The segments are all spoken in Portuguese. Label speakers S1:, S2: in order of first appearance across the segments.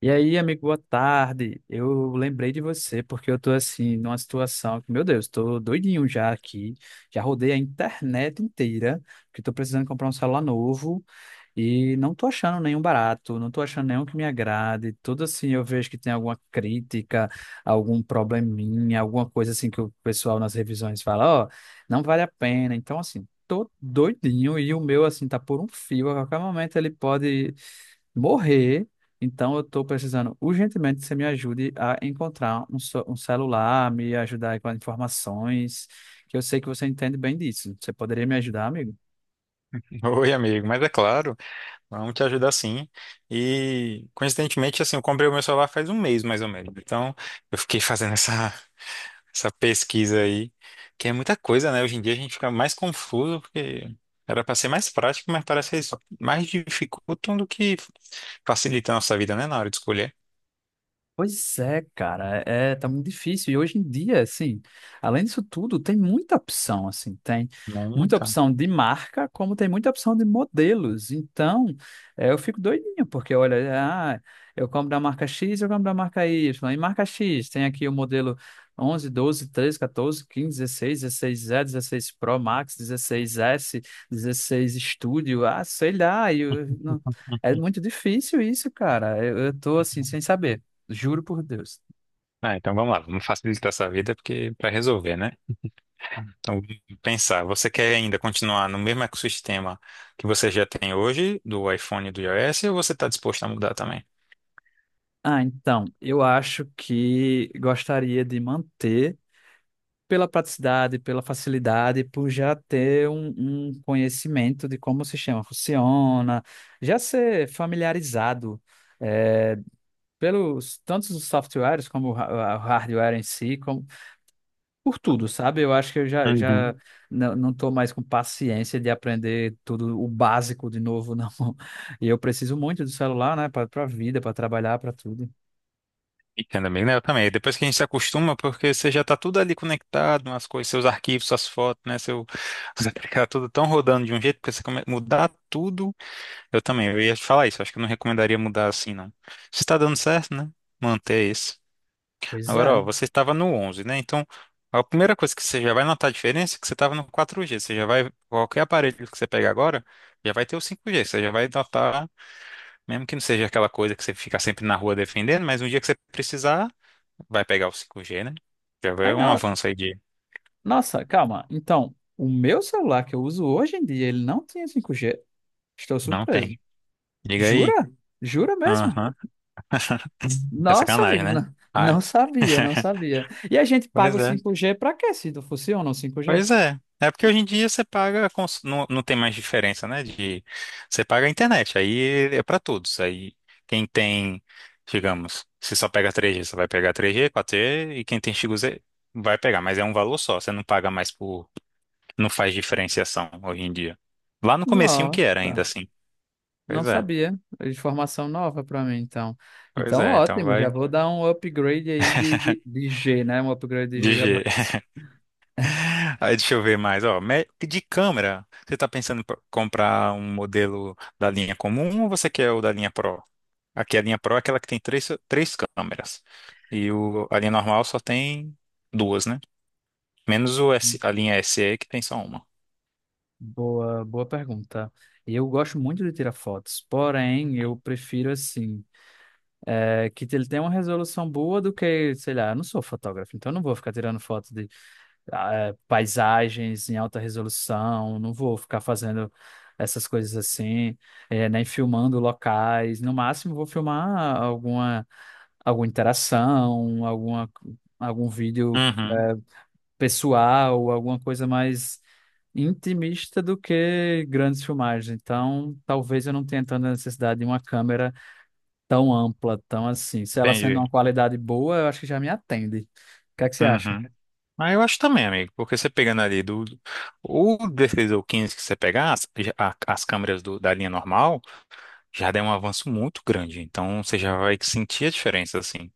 S1: E aí, amigo, boa tarde. Eu lembrei de você porque eu tô assim numa situação que, meu Deus, tô doidinho já aqui. Já rodei a internet inteira, porque tô precisando comprar um celular novo e não tô achando nenhum barato, não tô achando nenhum que me agrade. Tudo assim, eu vejo que tem alguma crítica, algum probleminha, alguma coisa assim que o pessoal nas revisões fala, ó, não vale a pena. Então, assim, tô doidinho e o meu assim tá por um fio, a qualquer momento ele pode morrer. Então, eu estou precisando urgentemente que você me ajude a encontrar um celular, me ajudar aí com as informações, que eu sei que você entende bem disso. Você poderia me ajudar, amigo?
S2: Oi, amigo, mas é claro, vamos te ajudar sim. E coincidentemente, assim, eu comprei o meu celular faz um mês mais ou menos. Então, eu fiquei fazendo essa pesquisa aí, que é muita coisa, né? Hoje em dia a gente fica mais confuso, porque era para ser mais prático, mas parece que eles mais dificultam do que facilitam a nossa vida, né? Na hora de escolher.
S1: Pois é, cara, tá muito difícil. E hoje em dia, assim, além disso tudo, tem muita opção, assim, tem muita
S2: Muita.
S1: opção de marca, como tem muita opção de modelos. Então, eu fico doidinho, porque olha, ah, eu compro da marca X, eu compro da marca Y. E marca X, tem aqui o modelo 11 12 13, catorze quinze dezesseis dezesseis e 16 Pro Max, 16 s 16 Studio, ah, sei lá. É muito difícil isso, cara. Eu tô, assim, sem saber. Juro por Deus.
S2: Ah, então vamos lá, vamos facilitar essa vida, porque para resolver, né? Então, pensar, você quer ainda continuar no mesmo ecossistema que você já tem hoje, do iPhone e do iOS, ou você está disposto a mudar também?
S1: Ah, então, eu acho que gostaria de manter pela praticidade, pela facilidade, por já ter um conhecimento de como o sistema funciona, já ser familiarizado eh, pelos tantos os softwares como o o hardware em si, como, por tudo, sabe? Eu acho que eu já, já
S2: Uhum.
S1: não estou mais com paciência de aprender tudo o básico de novo, não. E eu preciso muito do celular, né, para a vida, para trabalhar, para tudo.
S2: Entendo, amigo, né? Eu também. Depois que a gente se acostuma, porque você já está tudo ali conectado, as coisas, seus arquivos, suas fotos, né? Seu, você fica tudo tão rodando de um jeito, porque você mudar tudo. Eu também, eu ia te falar isso, acho que eu não recomendaria mudar assim, não. Se está dando certo, né? Manter isso.
S1: Pois
S2: Agora,
S1: é.
S2: ó, você estava no 11, né? Então, a primeira coisa que você já vai notar a diferença é que você estava no 4G. Qualquer aparelho que você pegar agora, já vai ter o 5G. Você já vai notar, mesmo que não seja aquela coisa que você fica sempre na rua defendendo, mas um dia que você precisar, vai pegar o 5G, né? Já vai
S1: Ai,
S2: um
S1: no...
S2: avanço aí de...
S1: Nossa, calma. Então, o meu celular que eu uso hoje em dia, ele não tinha cinco g. Estou
S2: Não
S1: surpreso.
S2: tem. Diga aí.
S1: Jura? Jura mesmo?
S2: Aham. É
S1: Nossa,
S2: sacanagem,
S1: amigo,
S2: né? Ah.
S1: não sabia, não sabia. E a gente paga
S2: Pois
S1: o
S2: é.
S1: cinco g para quê, se não funciona o cinco g?
S2: Pois é. É porque hoje em dia você paga, não, não tem mais diferença, né? De você paga a internet, aí é para todos. Aí quem tem, digamos, se só pega 3G você vai pegar 3G 4G e quem tem XG vai pegar, mas é um valor só, você não paga mais por, não faz diferenciação hoje em dia. Lá no comecinho
S1: Nossa,
S2: que era ainda assim.
S1: não
S2: Pois é.
S1: sabia. É informação nova para mim, então.
S2: Pois
S1: Então,
S2: é, então
S1: ótimo, já
S2: vai
S1: vou dar um upgrade aí de, de, de G, né? Um upgrade de
S2: de
S1: gigabytes.
S2: G. Aí deixa eu ver mais, ó, de câmera, você tá pensando em comprar um modelo da linha comum ou você quer o da linha Pro? Aqui a linha Pro é aquela que tem três câmeras. E a linha normal só tem duas, né? Menos o S, a linha SE que tem só uma.
S1: Boa, boa pergunta. Eu gosto muito de tirar fotos, porém eu prefiro assim, é, que ele tenha uma resolução boa do que, sei lá, eu não sou fotógrafo, então eu não vou ficar tirando foto de ah, é, paisagens em alta resolução, não vou ficar fazendo essas coisas assim, é, nem filmando locais. No máximo vou filmar alguma, alguma interação, alguma, algum vídeo.
S2: Uhum,
S1: É, pessoal, alguma coisa mais intimista do que grandes filmagens. Então, talvez eu não tenha tanta necessidade de uma câmera tão ampla, tão assim. Se ela sendo
S2: entendi.
S1: uma qualidade boa, eu acho que já me atende. O que é que você acha?
S2: Uhum. Mas eu acho também, amigo, porque você pegando ali do. O 16 ou 15 que você pegar, as câmeras da linha normal já deu um avanço muito grande. Então você já vai sentir a diferença, assim.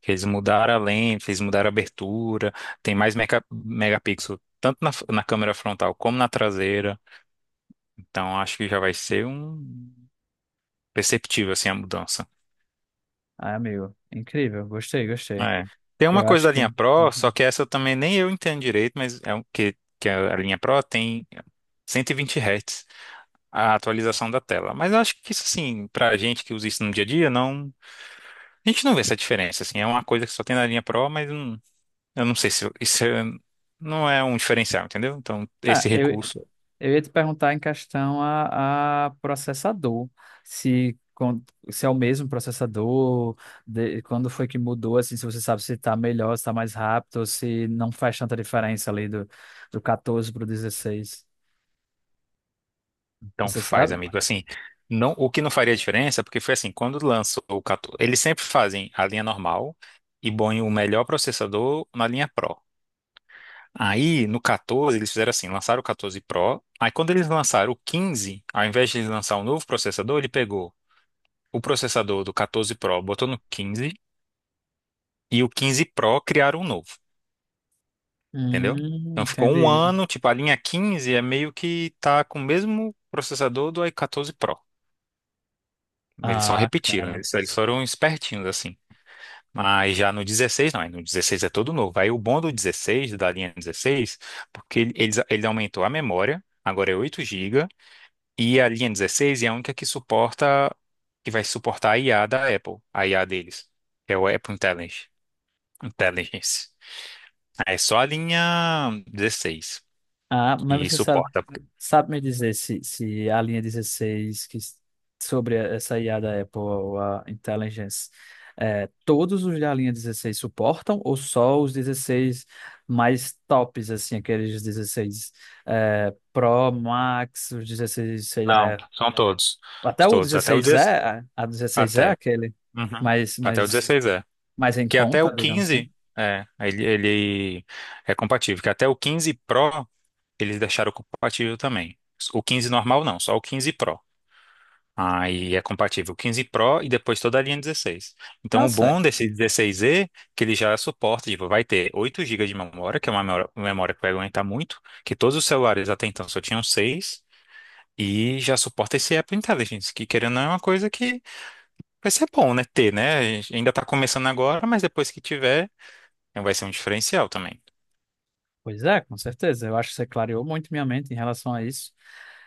S2: Que eles mudaram a lente, eles mudaram a abertura, tem mais megapixel, tanto na câmera frontal como na traseira. Então acho que já vai ser um perceptível assim a mudança.
S1: Ah, amigo, incrível. Gostei, gostei.
S2: É. Tem uma
S1: Eu
S2: coisa
S1: acho
S2: da
S1: que.
S2: linha Pro, só
S1: Uhum.
S2: que essa eu também nem eu entendo direito, mas é o que, que a linha Pro tem 120 Hz a atualização da tela. Mas eu acho que isso assim, pra gente que usa isso no dia a dia, não, a gente não vê essa diferença assim. É uma coisa que só tem na linha Pro, mas eu não sei se isso não é um diferencial, entendeu? Então
S1: Ah,
S2: esse
S1: eu,
S2: recurso.
S1: eu ia te perguntar em questão a processador, se, con- se é o mesmo processador, de- quando foi que mudou, assim, se você sabe se está melhor, se está mais rápido, ou se não faz tanta diferença ali do 14 para o 16.
S2: Então
S1: Você
S2: faz,
S1: sabe?
S2: amigo. Assim, não, o que não faria diferença, porque foi assim, quando lançou o 14, eles sempre fazem a linha normal e põem o melhor processador na linha Pro. Aí, no 14, eles fizeram assim, lançaram o 14 Pro. Aí, quando eles lançaram o 15, ao invés de eles lançar um novo processador, ele pegou o processador do 14 Pro, botou no 15, e o 15 Pro criaram um novo, entendeu? Então, ficou um
S1: Entendi.
S2: ano, tipo, a linha 15 é meio que tá com o mesmo processador do i14 Pro. Eles só
S1: Ah,
S2: repetiram,
S1: cara.
S2: eles foram espertinhos assim. Mas já no 16, não, aí no 16 é todo novo. Aí o bom do 16, da linha 16, porque ele aumentou a memória, agora é 8 gigas e a linha 16 é a única que suporta, que vai suportar a IA da Apple, a IA deles, que é o Apple Intelligence. Intelligence. É só a linha 16
S1: Ah,
S2: que
S1: mas você sabe.
S2: suporta.
S1: Sabe me dizer se a linha 16, sobre essa IA da Apple, ou a Intelligence, é, todos os da linha 16 suportam ou só os 16 mais tops, assim, aqueles 16 é, Pro, Max, os 16, sei
S2: Não,
S1: lá,
S2: são todos.
S1: até o
S2: Todos, até o
S1: 16E,
S2: 16.
S1: a 16E é
S2: Até.
S1: aquele
S2: Uhum.
S1: mais,
S2: Até o
S1: mais,
S2: 16 é.
S1: mais em
S2: Que até o
S1: conta, digamos assim.
S2: 15, é, ele é compatível, que até o 15 Pro eles deixaram compatível também. O 15 normal não, só o 15 Pro. Aí é compatível o 15 Pro e depois toda a linha 16. Então o
S1: Nossa,
S2: bom desse 16E é que ele já suporta, tipo, vai ter 8 gigas de memória, que é uma memória que vai aguentar muito, que todos os celulares até então só tinham 6. E já suporta esse Apple Intelligence, que querendo ou não é uma coisa que vai ser bom, né? Ter, né? A gente ainda tá começando agora, mas depois que tiver, então vai ser um diferencial também.
S1: pois é, com certeza. Eu acho que você clareou muito minha mente em relação a isso.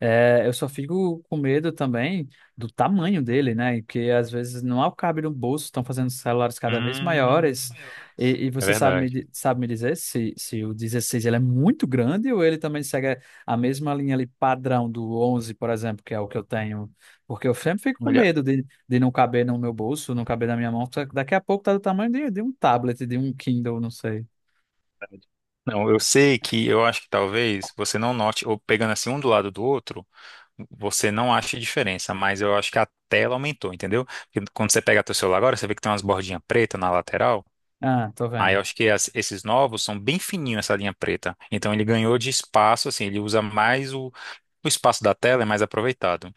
S1: É, eu só fico com medo também do tamanho dele, né? Que às vezes não há o alcabe no bolso, estão fazendo celulares cada vez
S2: Hum,
S1: maiores. E
S2: é
S1: você sabe
S2: verdade.
S1: sabe me dizer se, se o 16 ele é muito grande ou ele também segue a mesma linha ali padrão do 11, por exemplo, que é o que eu tenho? Porque eu sempre fico com
S2: Olha,
S1: medo de não caber no meu bolso, não caber na minha mão. Só que daqui a pouco tá do tamanho de um tablet, de um Kindle, não sei.
S2: não, eu sei que eu acho que talvez você não note, ou pegando assim um do lado do outro, você não ache diferença, mas eu acho que a tela aumentou, entendeu? Porque quando você pega teu celular agora, você vê que tem umas bordinhas pretas na lateral.
S1: Ah, tô
S2: Aí eu
S1: vendo.
S2: acho que esses novos são bem fininhos essa linha preta. Então ele ganhou de espaço, assim, ele usa mais. O espaço da tela é mais aproveitado.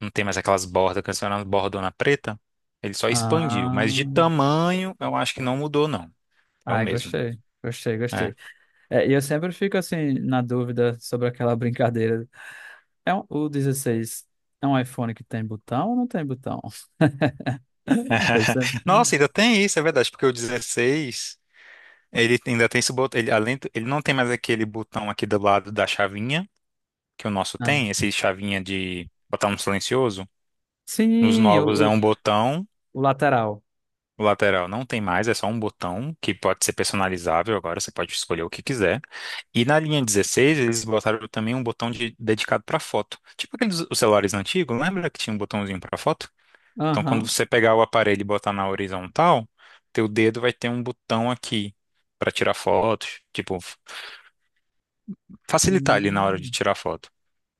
S2: Não tem mais aquelas bordas, que antes era uma bordona preta. Ele só expandiu,
S1: Ah,
S2: mas de tamanho eu acho que não mudou, não. É o
S1: ai,
S2: mesmo.
S1: gostei, gostei,
S2: É.
S1: gostei. É, e eu sempre fico assim na dúvida sobre aquela brincadeira. O 16 é um iPhone que tem botão ou não tem botão? Eu sempre-
S2: Nossa, ainda tem isso, é verdade, porque o 16 ele ainda tem esse botão, ele, além, ele não tem mais aquele botão aqui do lado da chavinha, que o nosso
S1: ah,
S2: tem, esse chavinha de botar no silencioso. Nos
S1: sim,
S2: novos é um botão.
S1: o lateral.
S2: O lateral não tem mais, é só um botão que pode ser personalizável agora, você pode escolher o que quiser. E na linha 16 eles botaram também um botão dedicado para foto. Tipo aqueles os celulares antigos, lembra que tinha um botãozinho para foto? Então, quando
S1: Aham.
S2: você pegar o aparelho e botar na horizontal, teu dedo vai ter um botão aqui para tirar fotos, tipo, facilitar ali na hora de
S1: Hum,
S2: tirar foto.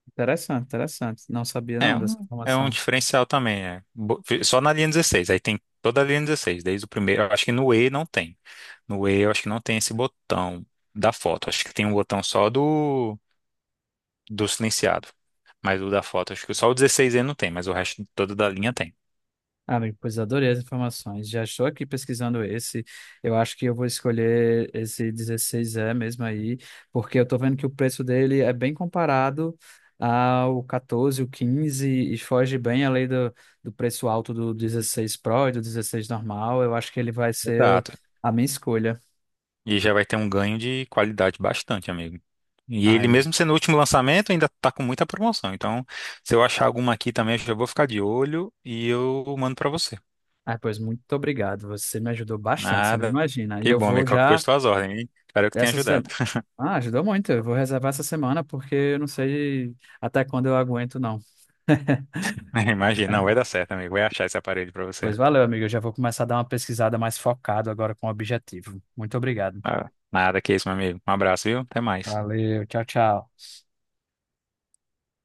S1: interessante, interessante. Não sabia
S2: É
S1: não
S2: um,
S1: dessa
S2: é um
S1: informação.
S2: diferencial também, é. Só na linha 16, aí tem toda a linha 16, desde o primeiro. Eu acho que no E não tem. No E eu acho que não tem esse botão da foto. Acho que tem um botão só do silenciado. Mas o da foto, acho que só o 16E não tem, mas o resto todo da linha tem.
S1: Ah, amigo, pois adorei as informações. Já estou aqui pesquisando esse. Eu acho que eu vou escolher esse 16E mesmo aí, porque eu estou vendo que o preço dele é bem comparado ao 14, o 15 e foge bem além do, do preço alto do 16 Pro e do 16 normal. Eu acho que ele vai ser
S2: Exato.
S1: a minha escolha.
S2: E já vai ter um ganho de qualidade bastante, amigo. E
S1: Ai,
S2: ele,
S1: amigo.
S2: mesmo sendo o último lançamento, ainda tá com muita promoção. Então, se eu achar alguma aqui também, eu já vou ficar de olho e eu mando pra você.
S1: Ah, pois muito obrigado. Você me ajudou bastante, você não
S2: Nada.
S1: imagina. E
S2: Que
S1: eu
S2: bom,
S1: vou
S2: amigo. Qualquer
S1: já
S2: coisa, tuas ordens, hein? Espero que tenha
S1: essa
S2: ajudado.
S1: semana. Ah, ajudou muito. Eu vou reservar essa semana porque eu não sei até quando eu aguento, não.
S2: Imagina,
S1: É.
S2: não vai dar certo, amigo. Vai achar esse aparelho pra você.
S1: Pois valeu, amigo. Eu já vou começar a dar uma pesquisada mais focada agora com o objetivo. Muito obrigado.
S2: Ah, nada que isso, meu amigo. Um abraço, viu? Até mais.
S1: Valeu, tchau, tchau.